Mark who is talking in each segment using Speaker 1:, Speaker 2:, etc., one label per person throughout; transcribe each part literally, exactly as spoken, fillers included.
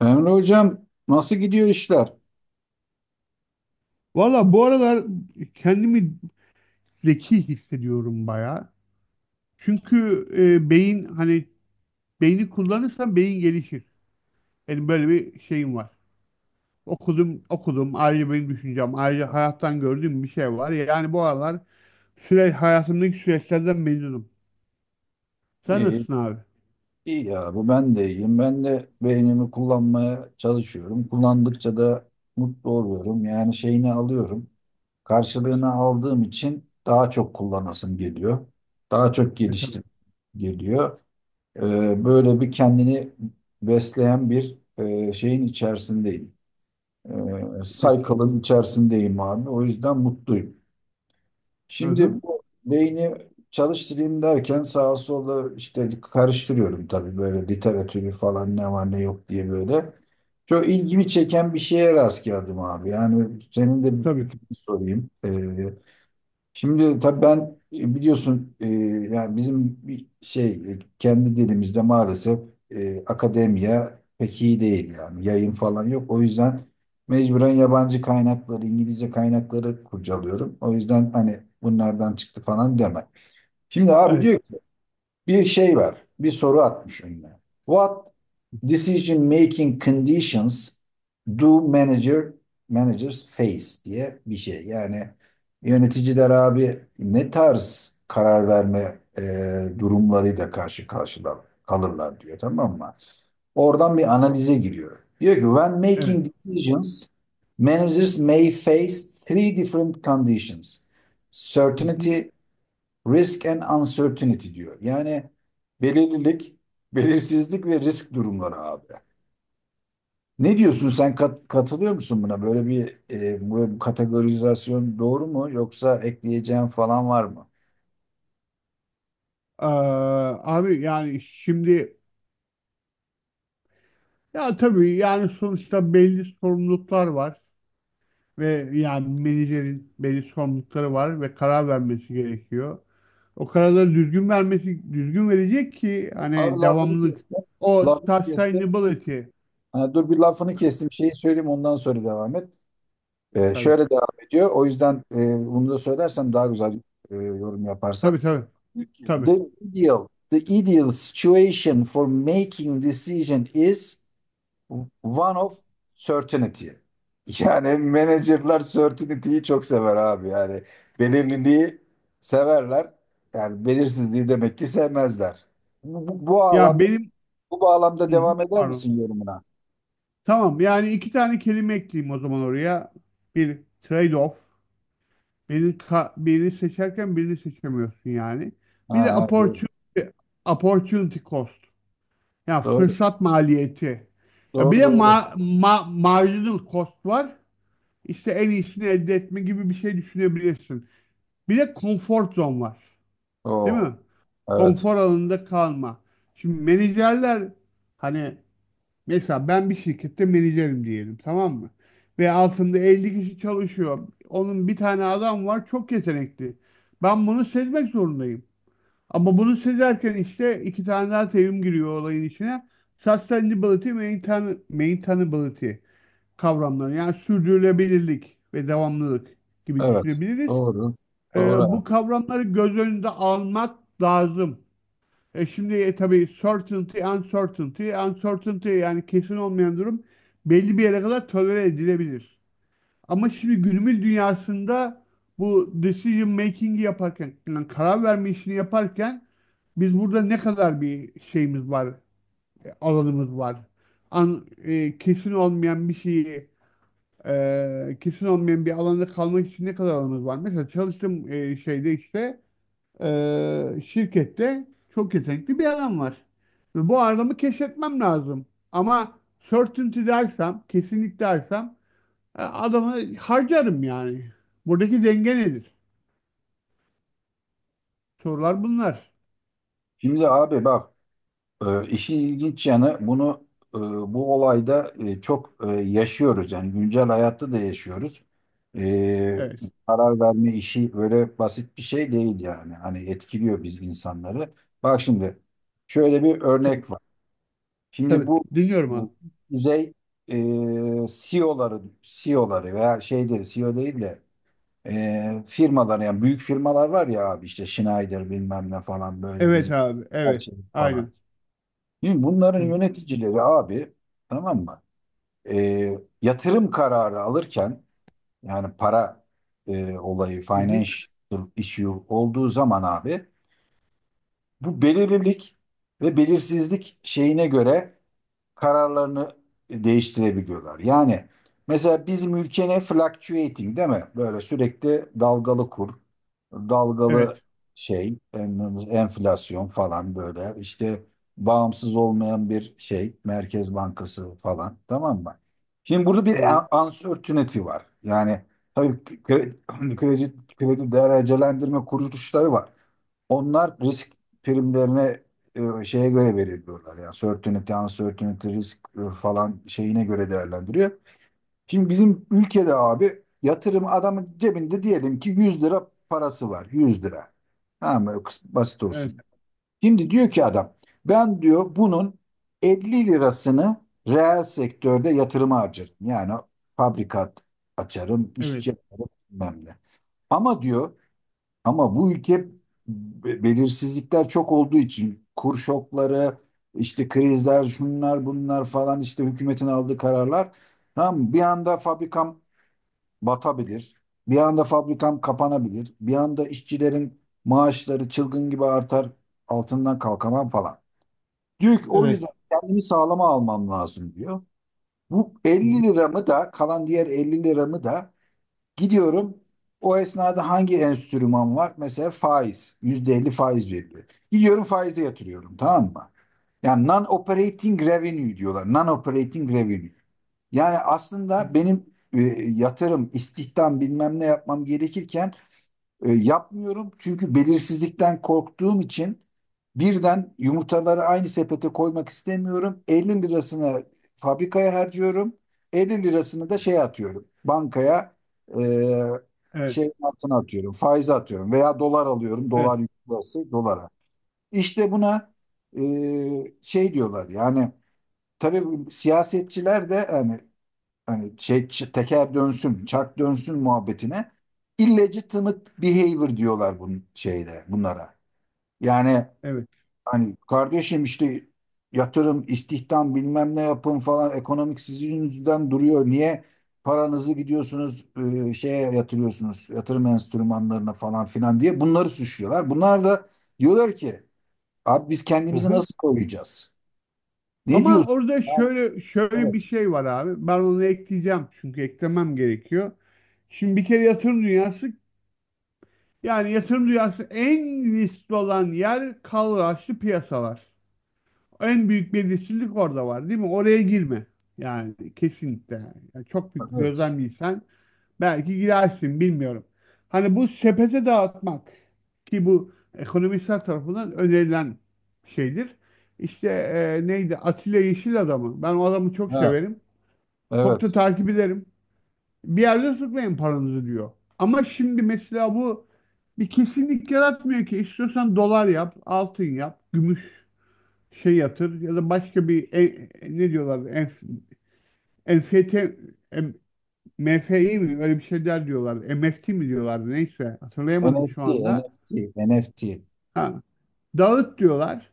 Speaker 1: Emre Hocam nasıl gidiyor işler?
Speaker 2: Valla bu aralar kendimi zeki hissediyorum bayağı. Çünkü e, beyin hani beyni kullanırsan beyin gelişir. Benim böyle bir şeyim var. Okudum, okudum. Ayrıca benim düşüncem, ayrıca hayattan gördüğüm bir şey var. Yani bu aralar süre, hayatımdaki süreçlerden memnunum. Sen
Speaker 1: İyi,
Speaker 2: nasılsın abi?
Speaker 1: iyi ya bu ben de iyiyim. Ben de beynimi kullanmaya çalışıyorum. Kullandıkça da mutlu oluyorum. Yani şeyini alıyorum. Karşılığını aldığım için daha çok kullanasım geliyor. Daha çok
Speaker 2: E, tabii.
Speaker 1: geliştim geliyor. Ee, böyle bir kendini besleyen bir e, şeyin içerisindeyim. Ee,
Speaker 2: Evet.
Speaker 1: cycle'ın içerisindeyim abi. O yüzden mutluyum.
Speaker 2: Hı
Speaker 1: Şimdi
Speaker 2: hı.
Speaker 1: bu beyni çalıştırayım derken sağa sola işte karıştırıyorum, tabii böyle literatürü falan ne var ne yok diye böyle. Çok ilgimi çeken bir şeye rast geldim abi. Yani senin de bir
Speaker 2: Tabii.
Speaker 1: fikrini sorayım. Ee, Şimdi tabii ben e, biliyorsun, e, yani bizim bir şey, e, kendi dilimizde maalesef e, akademiya pek iyi değil, yani yayın falan yok. O yüzden mecburen yabancı kaynakları, İngilizce kaynakları kurcalıyorum. O yüzden hani bunlardan çıktı falan deme. Şimdi abi
Speaker 2: Evet.
Speaker 1: diyor bir şey var. Bir soru atmış önüne. What decision making conditions do manager managers face diye bir şey. Yani yöneticiler abi ne tarz karar verme e, durumlarıyla karşı karşıya kalırlar diyor, tamam mı? Oradan bir analize giriyor. Diyor ki when
Speaker 2: Evet.
Speaker 1: making decisions managers may face three different conditions.
Speaker 2: Hı hı.
Speaker 1: Certainty, risk and uncertainty diyor. Yani belirlilik, belirsizlik ve risk durumları abi. Ne diyorsun sen, kat- katılıyor musun buna? Böyle bir e, böyle kategorizasyon doğru mu, yoksa ekleyeceğin falan var mı?
Speaker 2: Aa, abi yani şimdi ya tabii yani sonuçta belli sorumluluklar var ve yani menajerin belli sorumlulukları var ve karar vermesi gerekiyor. O kararları düzgün vermesi, düzgün verecek ki
Speaker 1: Abi
Speaker 2: hani
Speaker 1: lafını
Speaker 2: devamlılık.
Speaker 1: kestim.
Speaker 2: O
Speaker 1: Lafını kestim.
Speaker 2: sustainability.
Speaker 1: Ha, dur bir lafını kestim. Şeyi söyleyeyim ondan sonra devam et. E,
Speaker 2: Tabii.
Speaker 1: şöyle devam ediyor. O yüzden e, bunu da söylersem daha güzel e, yorum yaparsan.
Speaker 2: Tabii tabii. Tabii.
Speaker 1: The ideal, the ideal situation for making decision is one of certainty. Yani menajerler certainty'yi çok sever abi. Yani belirliliği severler. Yani belirsizliği demek ki sevmezler. Bu, bu, bu
Speaker 2: Ya
Speaker 1: bağlamda
Speaker 2: benim.
Speaker 1: bu bağlamda
Speaker 2: Hı hı,
Speaker 1: devam eder
Speaker 2: pardon.
Speaker 1: misin yorumuna?
Speaker 2: Tamam, yani iki tane kelime ekleyeyim o zaman oraya. Bir trade-off. Birini, ka- birini seçerken birini seçemiyorsun yani.
Speaker 1: Ha,
Speaker 2: Bir de
Speaker 1: ha, doğru.
Speaker 2: opportunity, opportunity cost. Ya
Speaker 1: Doğru.
Speaker 2: fırsat maliyeti. Ya bir
Speaker 1: Doğru
Speaker 2: de
Speaker 1: doğru.
Speaker 2: ma ma marginal cost var. İşte en iyisini elde etme gibi bir şey düşünebilirsin. Bir de comfort zone var. Değil
Speaker 1: Oo,
Speaker 2: mi?
Speaker 1: evet.
Speaker 2: Konfor alanında kalma. Şimdi menajerler hani mesela ben bir şirkette menajerim diyelim, tamam mı? Ve altında elli kişi çalışıyor. Onun bir tane adam var çok yetenekli. Ben bunu sezmek zorundayım. Ama bunu söylerken işte iki tane daha terim giriyor olayın içine. Sustainability, maintain- maintainability kavramları. Yani sürdürülebilirlik ve devamlılık gibi
Speaker 1: Evet.
Speaker 2: düşünebiliriz.
Speaker 1: Doğru.
Speaker 2: Ee,
Speaker 1: Doğru
Speaker 2: bu
Speaker 1: abi.
Speaker 2: kavramları göz önünde almak lazım. E şimdi e, tabii certainty, uncertainty, uncertainty yani kesin olmayan durum belli bir yere kadar tolere edilebilir. Ama şimdi günümüz dünyasında bu decision making'i yaparken, yani karar verme işini yaparken biz burada ne kadar bir şeyimiz var, e, alanımız var. An, e, kesin olmayan bir şeyi, e, kesin olmayan bir alanda kalmak için ne kadar alanımız var. Mesela çalıştığım e, şeyde işte e, şirkette çok yetenekli bir adam var. Ve bu adamı keşfetmem lazım. Ama certainty dersem, kesinlik dersem, e, adamı harcarım yani. Buradaki denge nedir? Sorular bunlar.
Speaker 1: Şimdi abi bak. Ee, işin ilginç yanı, bunu e, bu olayda e, çok e, yaşıyoruz, yani güncel hayatta da yaşıyoruz. Ee,
Speaker 2: Evet.
Speaker 1: Karar verme işi öyle basit bir şey değil yani. Hani etkiliyor biz insanları. Bak şimdi şöyle bir
Speaker 2: Tabii.
Speaker 1: örnek var. Şimdi
Speaker 2: Tabii.
Speaker 1: bu,
Speaker 2: Dinliyorum
Speaker 1: bu
Speaker 2: abi.
Speaker 1: düzey e, C E O'ları C E O'ları veya şeyleri, C E O değil de e, firmalar yani büyük firmalar var ya abi, işte Schneider bilmem ne falan, böyle
Speaker 2: Evet
Speaker 1: bizim
Speaker 2: abi. Evet.
Speaker 1: Arçelik falan.
Speaker 2: Aynen.
Speaker 1: Şimdi bunların
Speaker 2: Hı hı.
Speaker 1: yöneticileri abi, tamam mı? Ee, yatırım kararı alırken, yani para e, olayı
Speaker 2: Hı hı.
Speaker 1: financial issue olduğu zaman abi, bu belirlilik ve belirsizlik şeyine göre kararlarını değiştirebiliyorlar. Yani mesela bizim ülkenin fluctuating, değil mi? Böyle sürekli dalgalı kur, dalgalı
Speaker 2: Evet.
Speaker 1: şey, en- enflasyon falan, böyle işte bağımsız olmayan bir şey, Merkez Bankası falan, tamam mı? Şimdi burada bir
Speaker 2: Tamam.
Speaker 1: a- uncertainty var. Yani tabii kredi, kredi, kredi derecelendirme kuruluşları var. Onlar risk primlerine e, şeye göre belirliyorlar. Yani certainty, uncertainty, risk e, falan şeyine göre değerlendiriyor. Şimdi bizim ülkede abi, yatırım adamın cebinde diyelim ki yüz lira parası var. Yüz lira. Tamam mı? Kıs- Basit
Speaker 2: Evet.
Speaker 1: olsun. Şimdi diyor ki adam, ben diyor bunun elli lirasını reel sektörde yatırıma harcarım. Yani fabrikat açarım,
Speaker 2: Evet.
Speaker 1: işçi yaparım bilmem ne. Ama diyor, ama bu ülke be- belirsizlikler çok olduğu için kur şokları, işte krizler, şunlar bunlar falan, işte hükümetin aldığı kararlar. Tamam mı? Bir anda fabrikam batabilir. Bir anda fabrikam kapanabilir. Bir anda işçilerin maaşları çılgın gibi artar. Altından kalkamam falan. Diyor ki o
Speaker 2: Evet.
Speaker 1: yüzden kendimi sağlama almam lazım diyor. Bu
Speaker 2: Hı hı.
Speaker 1: elli liramı da, kalan diğer elli liramı da gidiyorum. O esnada hangi enstrüman var? Mesela faiz. yüzde elli faiz veriliyor. Gidiyorum faize yatırıyorum. Tamam mı? Yani non-operating revenue diyorlar. Non-operating revenue. Yani
Speaker 2: Hı
Speaker 1: aslında
Speaker 2: hı.
Speaker 1: benim e, yatırım, istihdam bilmem ne yapmam gerekirken e, yapmıyorum, çünkü belirsizlikten korktuğum için birden yumurtaları aynı sepete koymak istemiyorum. elli lirasını fabrikaya harcıyorum. elli lirasını da şey atıyorum. Bankaya, e,
Speaker 2: Evet.
Speaker 1: şey, altına atıyorum. Faize atıyorum veya dolar alıyorum.
Speaker 2: Evet.
Speaker 1: Dolar yükselirse dolara. İşte buna e, şey diyorlar, yani tabii bu siyasetçiler de yani hani şey, ç- teker dönsün, çark dönsün muhabbetine illegitimate behavior diyorlar bunun, şeyde, bunlara. Yani
Speaker 2: Evet.
Speaker 1: hani kardeşim, işte yatırım, istihdam bilmem ne yapın falan, ekonomik sizin yüzünden duruyor. Niye paranızı gidiyorsunuz e, şeye yatırıyorsunuz, yatırım enstrümanlarına falan filan diye bunları suçluyorlar. Bunlar da diyorlar ki abi biz kendimizi
Speaker 2: Aha.
Speaker 1: nasıl koruyacağız? Ne
Speaker 2: Ama
Speaker 1: diyorsun?
Speaker 2: orada
Speaker 1: Ha,
Speaker 2: şöyle şöyle bir
Speaker 1: evet.
Speaker 2: şey var abi. Ben onu ekleyeceğim çünkü eklemem gerekiyor. Şimdi bir kere yatırım dünyası, yani yatırım dünyası en riskli olan yer kalıraçlı piyasalar. En büyük belirsizlik orada var, değil mi? Oraya girme. Yani kesinlikle. Yani çok büyük
Speaker 1: Evet.
Speaker 2: gözlemliysen belki girersin bilmiyorum. Hani bu sepete dağıtmak ki bu ekonomistler tarafından önerilen şeydir. İşte e, neydi? Atilla Yeşil adamı. Ben o adamı çok
Speaker 1: Ha,
Speaker 2: severim. Çok da
Speaker 1: evet.
Speaker 2: takip ederim. Bir yerde tutmayın paranızı diyor. Ama şimdi mesela bu bir kesinlik yaratmıyor ki. İstiyorsan dolar yap, altın yap, gümüş şey yatır ya da başka bir e- ne diyorlar, enf, N F T, em- M F I mi, öyle bir şeyler diyorlar. M F T mi diyorlardı, neyse, hatırlayamadım şu
Speaker 1: N F T,
Speaker 2: anda.
Speaker 1: N F T, N F T.
Speaker 2: Ha, dağıt diyorlar.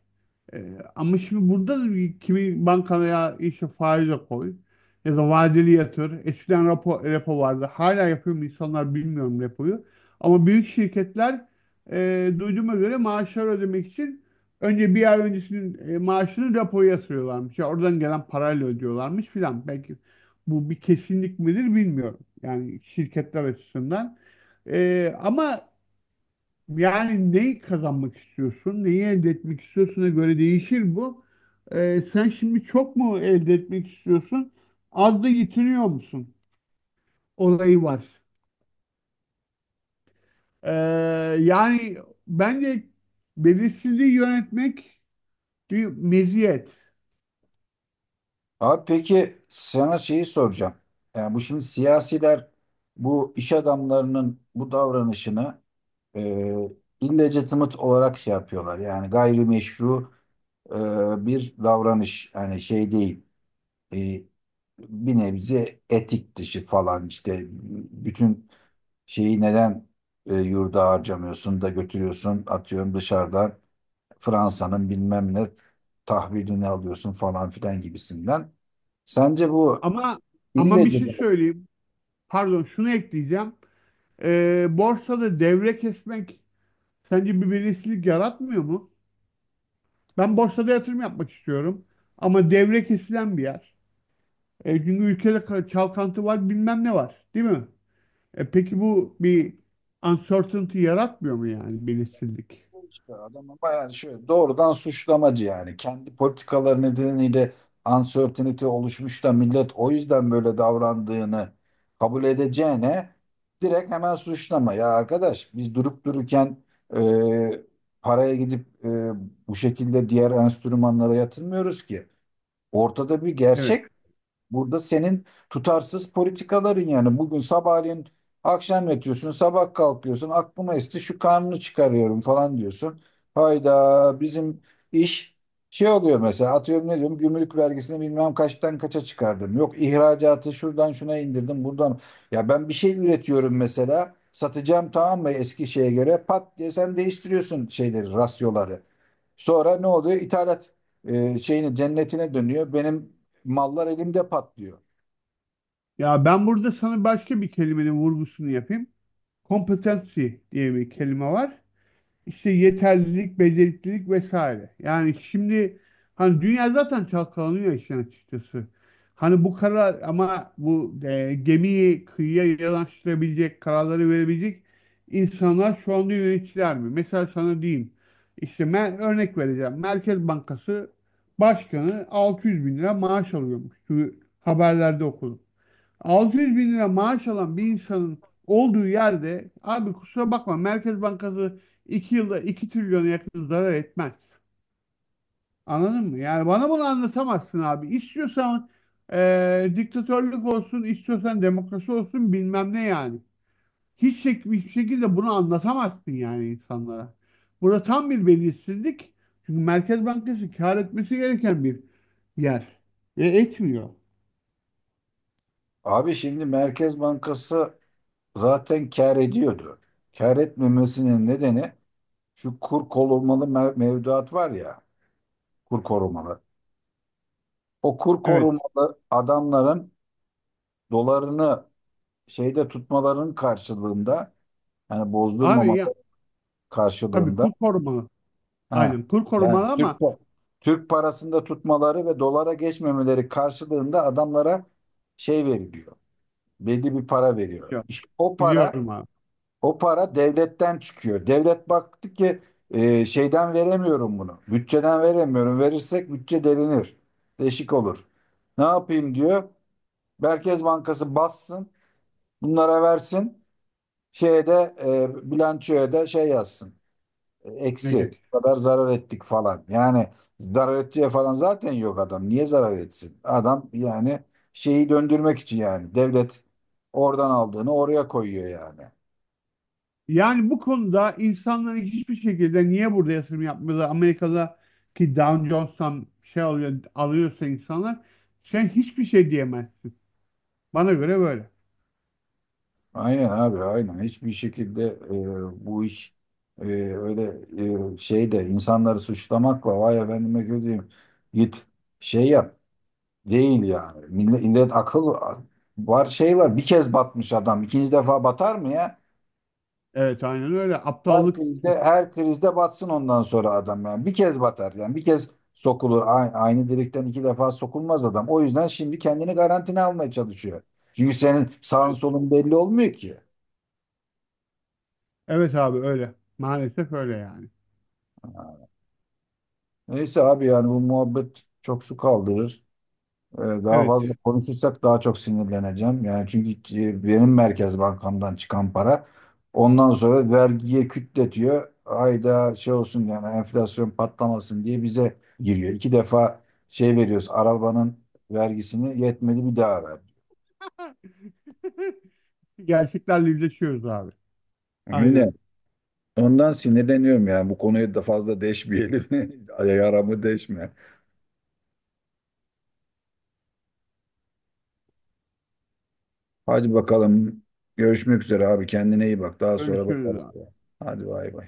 Speaker 2: Ee, Ama şimdi burada da bir- kimi bankaya işte faize koy ya da vadeli yatır. Eskiden repo, repo vardı. Hala yapıyor mu insanlar bilmiyorum repoyu. Ama büyük şirketler, e, duyduğuma göre maaşları ödemek için önce bir ay öncesinin e, maaşını repoya yatırıyorlarmış. Ya oradan gelen parayla ödüyorlarmış filan. Belki bu bir kesinlik midir bilmiyorum. Yani şirketler açısından. Ee, ama yani neyi kazanmak istiyorsun, neyi elde etmek istiyorsun'a göre değişir bu. Ee, sen şimdi çok mu elde etmek istiyorsun, az da yetiniyor musun? Olayı var. Ee, Yani bence belirsizliği yönetmek bir meziyet.
Speaker 1: Abi peki sana şeyi soracağım. Yani bu şimdi siyasiler bu iş adamlarının bu davranışını e, illegitimate olarak şey yapıyorlar. Yani gayrimeşru e, bir davranış. Yani şey değil. e, Bir nebze etik dışı falan, işte bütün şeyi neden e, yurda harcamıyorsun da götürüyorsun atıyorum dışarıdan Fransa'nın bilmem ne tahvilini alıyorsun falan filan gibisinden. Sence bu
Speaker 2: Ama ama bir
Speaker 1: illegitimacy,
Speaker 2: şey söyleyeyim. Pardon, şunu ekleyeceğim. Ee, borsada devre kesmek sence bir belirsizlik yaratmıyor mu? Ben borsada yatırım yapmak istiyorum. Ama devre kesilen bir yer. E, çünkü ülkede ka- çalkantı var, bilmem ne var, değil mi? E, peki bu bir uncertainty yaratmıyor mu, yani belirsizlik?
Speaker 1: işte adamın bayağı şöyle doğrudan suçlamacı yani. Kendi politikaları nedeniyle uncertainty oluşmuş da millet o yüzden böyle davrandığını kabul edeceğine, direkt hemen suçlama. Ya arkadaş, biz durup dururken e, paraya gidip e, bu şekilde diğer enstrümanlara yatırmıyoruz ki. Ortada bir
Speaker 2: Evet.
Speaker 1: gerçek. Burada senin tutarsız politikaların, yani bugün sabahleyin akşam yatıyorsun, sabah kalkıyorsun, aklıma esti şu kanunu çıkarıyorum falan diyorsun. Hayda, bizim iş şey oluyor, mesela atıyorum ne diyorum, gümrük vergisini bilmem kaçtan kaça çıkardım. Yok ihracatı şuradan şuna indirdim buradan. Ya ben bir şey üretiyorum mesela, satacağım tamam mı eski şeye göre, pat diye sen değiştiriyorsun şeyleri, rasyoları. Sonra ne oluyor? İthalat e, şeyine, cennetine dönüyor. Benim mallar elimde patlıyor.
Speaker 2: Ya ben burada sana başka bir kelimenin vurgusunu yapayım. Competency diye bir kelime var. İşte yeterlilik, beceriklilik vesaire. Yani şimdi hani dünya zaten çalkalanıyor işin açıkçası. Hani bu karar, ama bu e, gemiyi kıyıya yanaştırabilecek, kararları verebilecek insanlar şu anda yöneticiler mi? Mesela sana diyeyim. İşte ben örnek vereceğim. Merkez Bankası Başkanı altı yüz bin lira maaş alıyormuş. Şu haberlerde okudum. altı yüz bin lira maaş alan bir insanın olduğu yerde abi kusura bakma, Merkez Bankası iki yılda iki trilyona yakın zarar etmez. Anladın mı? Yani bana bunu anlatamazsın abi. İstiyorsan eee, diktatörlük olsun, istiyorsan demokrasi olsun, bilmem ne yani. Hiç şek- hiçbir şekilde bunu anlatamazsın yani insanlara. Burada tam bir belirsizlik. Çünkü Merkez Bankası kâr etmesi gereken bir yer. Ve etmiyor.
Speaker 1: Abi şimdi Merkez Bankası zaten kâr ediyordu. Kâr etmemesinin nedeni şu kur korumalı mev- mevduat var ya, kur korumalı. O kur
Speaker 2: Evet.
Speaker 1: korumalı adamların dolarını şeyde tutmaların karşılığında, yani
Speaker 2: Abi ya
Speaker 1: bozdurmamaları
Speaker 2: tabii
Speaker 1: karşılığında,
Speaker 2: kur korumalı.
Speaker 1: ha
Speaker 2: Aynen kur
Speaker 1: yani
Speaker 2: korumalı
Speaker 1: Türk
Speaker 2: ama
Speaker 1: pa- Türk parasında tutmaları ve dolara geçmemeleri karşılığında adamlara şey veriliyor. Belli bir para veriyor.
Speaker 2: biliyorum,
Speaker 1: İşte o para
Speaker 2: biliyorum abi.
Speaker 1: O para devletten çıkıyor. Devlet baktı ki e, şeyden veremiyorum bunu. Bütçeden veremiyorum. Verirsek bütçe delinir. Deşik olur. Ne yapayım diyor. Merkez Bankası bassın. Bunlara versin. Şeye de, e, bilançoya da şey yazsın. E, Eksi.
Speaker 2: Negatif.
Speaker 1: Bu kadar zarar ettik falan. Yani zarar edeceği falan zaten yok adam. Niye zarar etsin? Adam yani şeyi döndürmek için yani. Devlet oradan aldığını oraya koyuyor yani.
Speaker 2: Yani bu konuda insanların hiçbir şekilde niye burada yatırım yapmıyorlar? Amerika'daki Dow Jones'tan şey alıyor, alıyorsa insanlar, sen hiçbir şey diyemezsin. Bana göre böyle.
Speaker 1: Aynen abi, aynen. Hiçbir şekilde e, bu iş e, öyle e, şeyde insanları suçlamakla, vay efendime gözüyüm, git şey yap değil yani. Millet, millet akıl var, şey var, bir kez batmış adam ikinci defa batar mı ya?
Speaker 2: Evet, aynen öyle.
Speaker 1: Her
Speaker 2: Aptallık.
Speaker 1: krizde her krizde batsın ondan sonra adam, yani bir kez batar, yani bir kez sokulur, A- aynı delikten iki defa sokulmaz adam. O yüzden şimdi kendini garantine almaya çalışıyor. Çünkü senin sağın
Speaker 2: Üçgen.
Speaker 1: solun belli olmuyor ki.
Speaker 2: Evet abi öyle. Maalesef öyle yani.
Speaker 1: Neyse abi, yani bu muhabbet çok su kaldırır. Ee, daha
Speaker 2: Evet.
Speaker 1: fazla konuşursak daha çok sinirleneceğim. Yani çünkü e, benim Merkez Bankam'dan çıkan para ondan sonra vergiye kütletiyor. Ayda şey olsun yani, enflasyon patlamasın diye bize giriyor. İki defa şey veriyoruz, arabanın vergisini yetmedi bir daha ver.
Speaker 2: Gerçeklerle yüzleşiyoruz abi.
Speaker 1: Öyle.
Speaker 2: Aynen.
Speaker 1: Ondan sinirleniyorum, yani bu konuya da fazla deşmeyelim. Yaramı deşme. Hadi bakalım. Görüşmek üzere abi. Kendine iyi bak. Daha sonra
Speaker 2: Görüşürüz
Speaker 1: bakarız.
Speaker 2: abi.
Speaker 1: Hadi bay bay.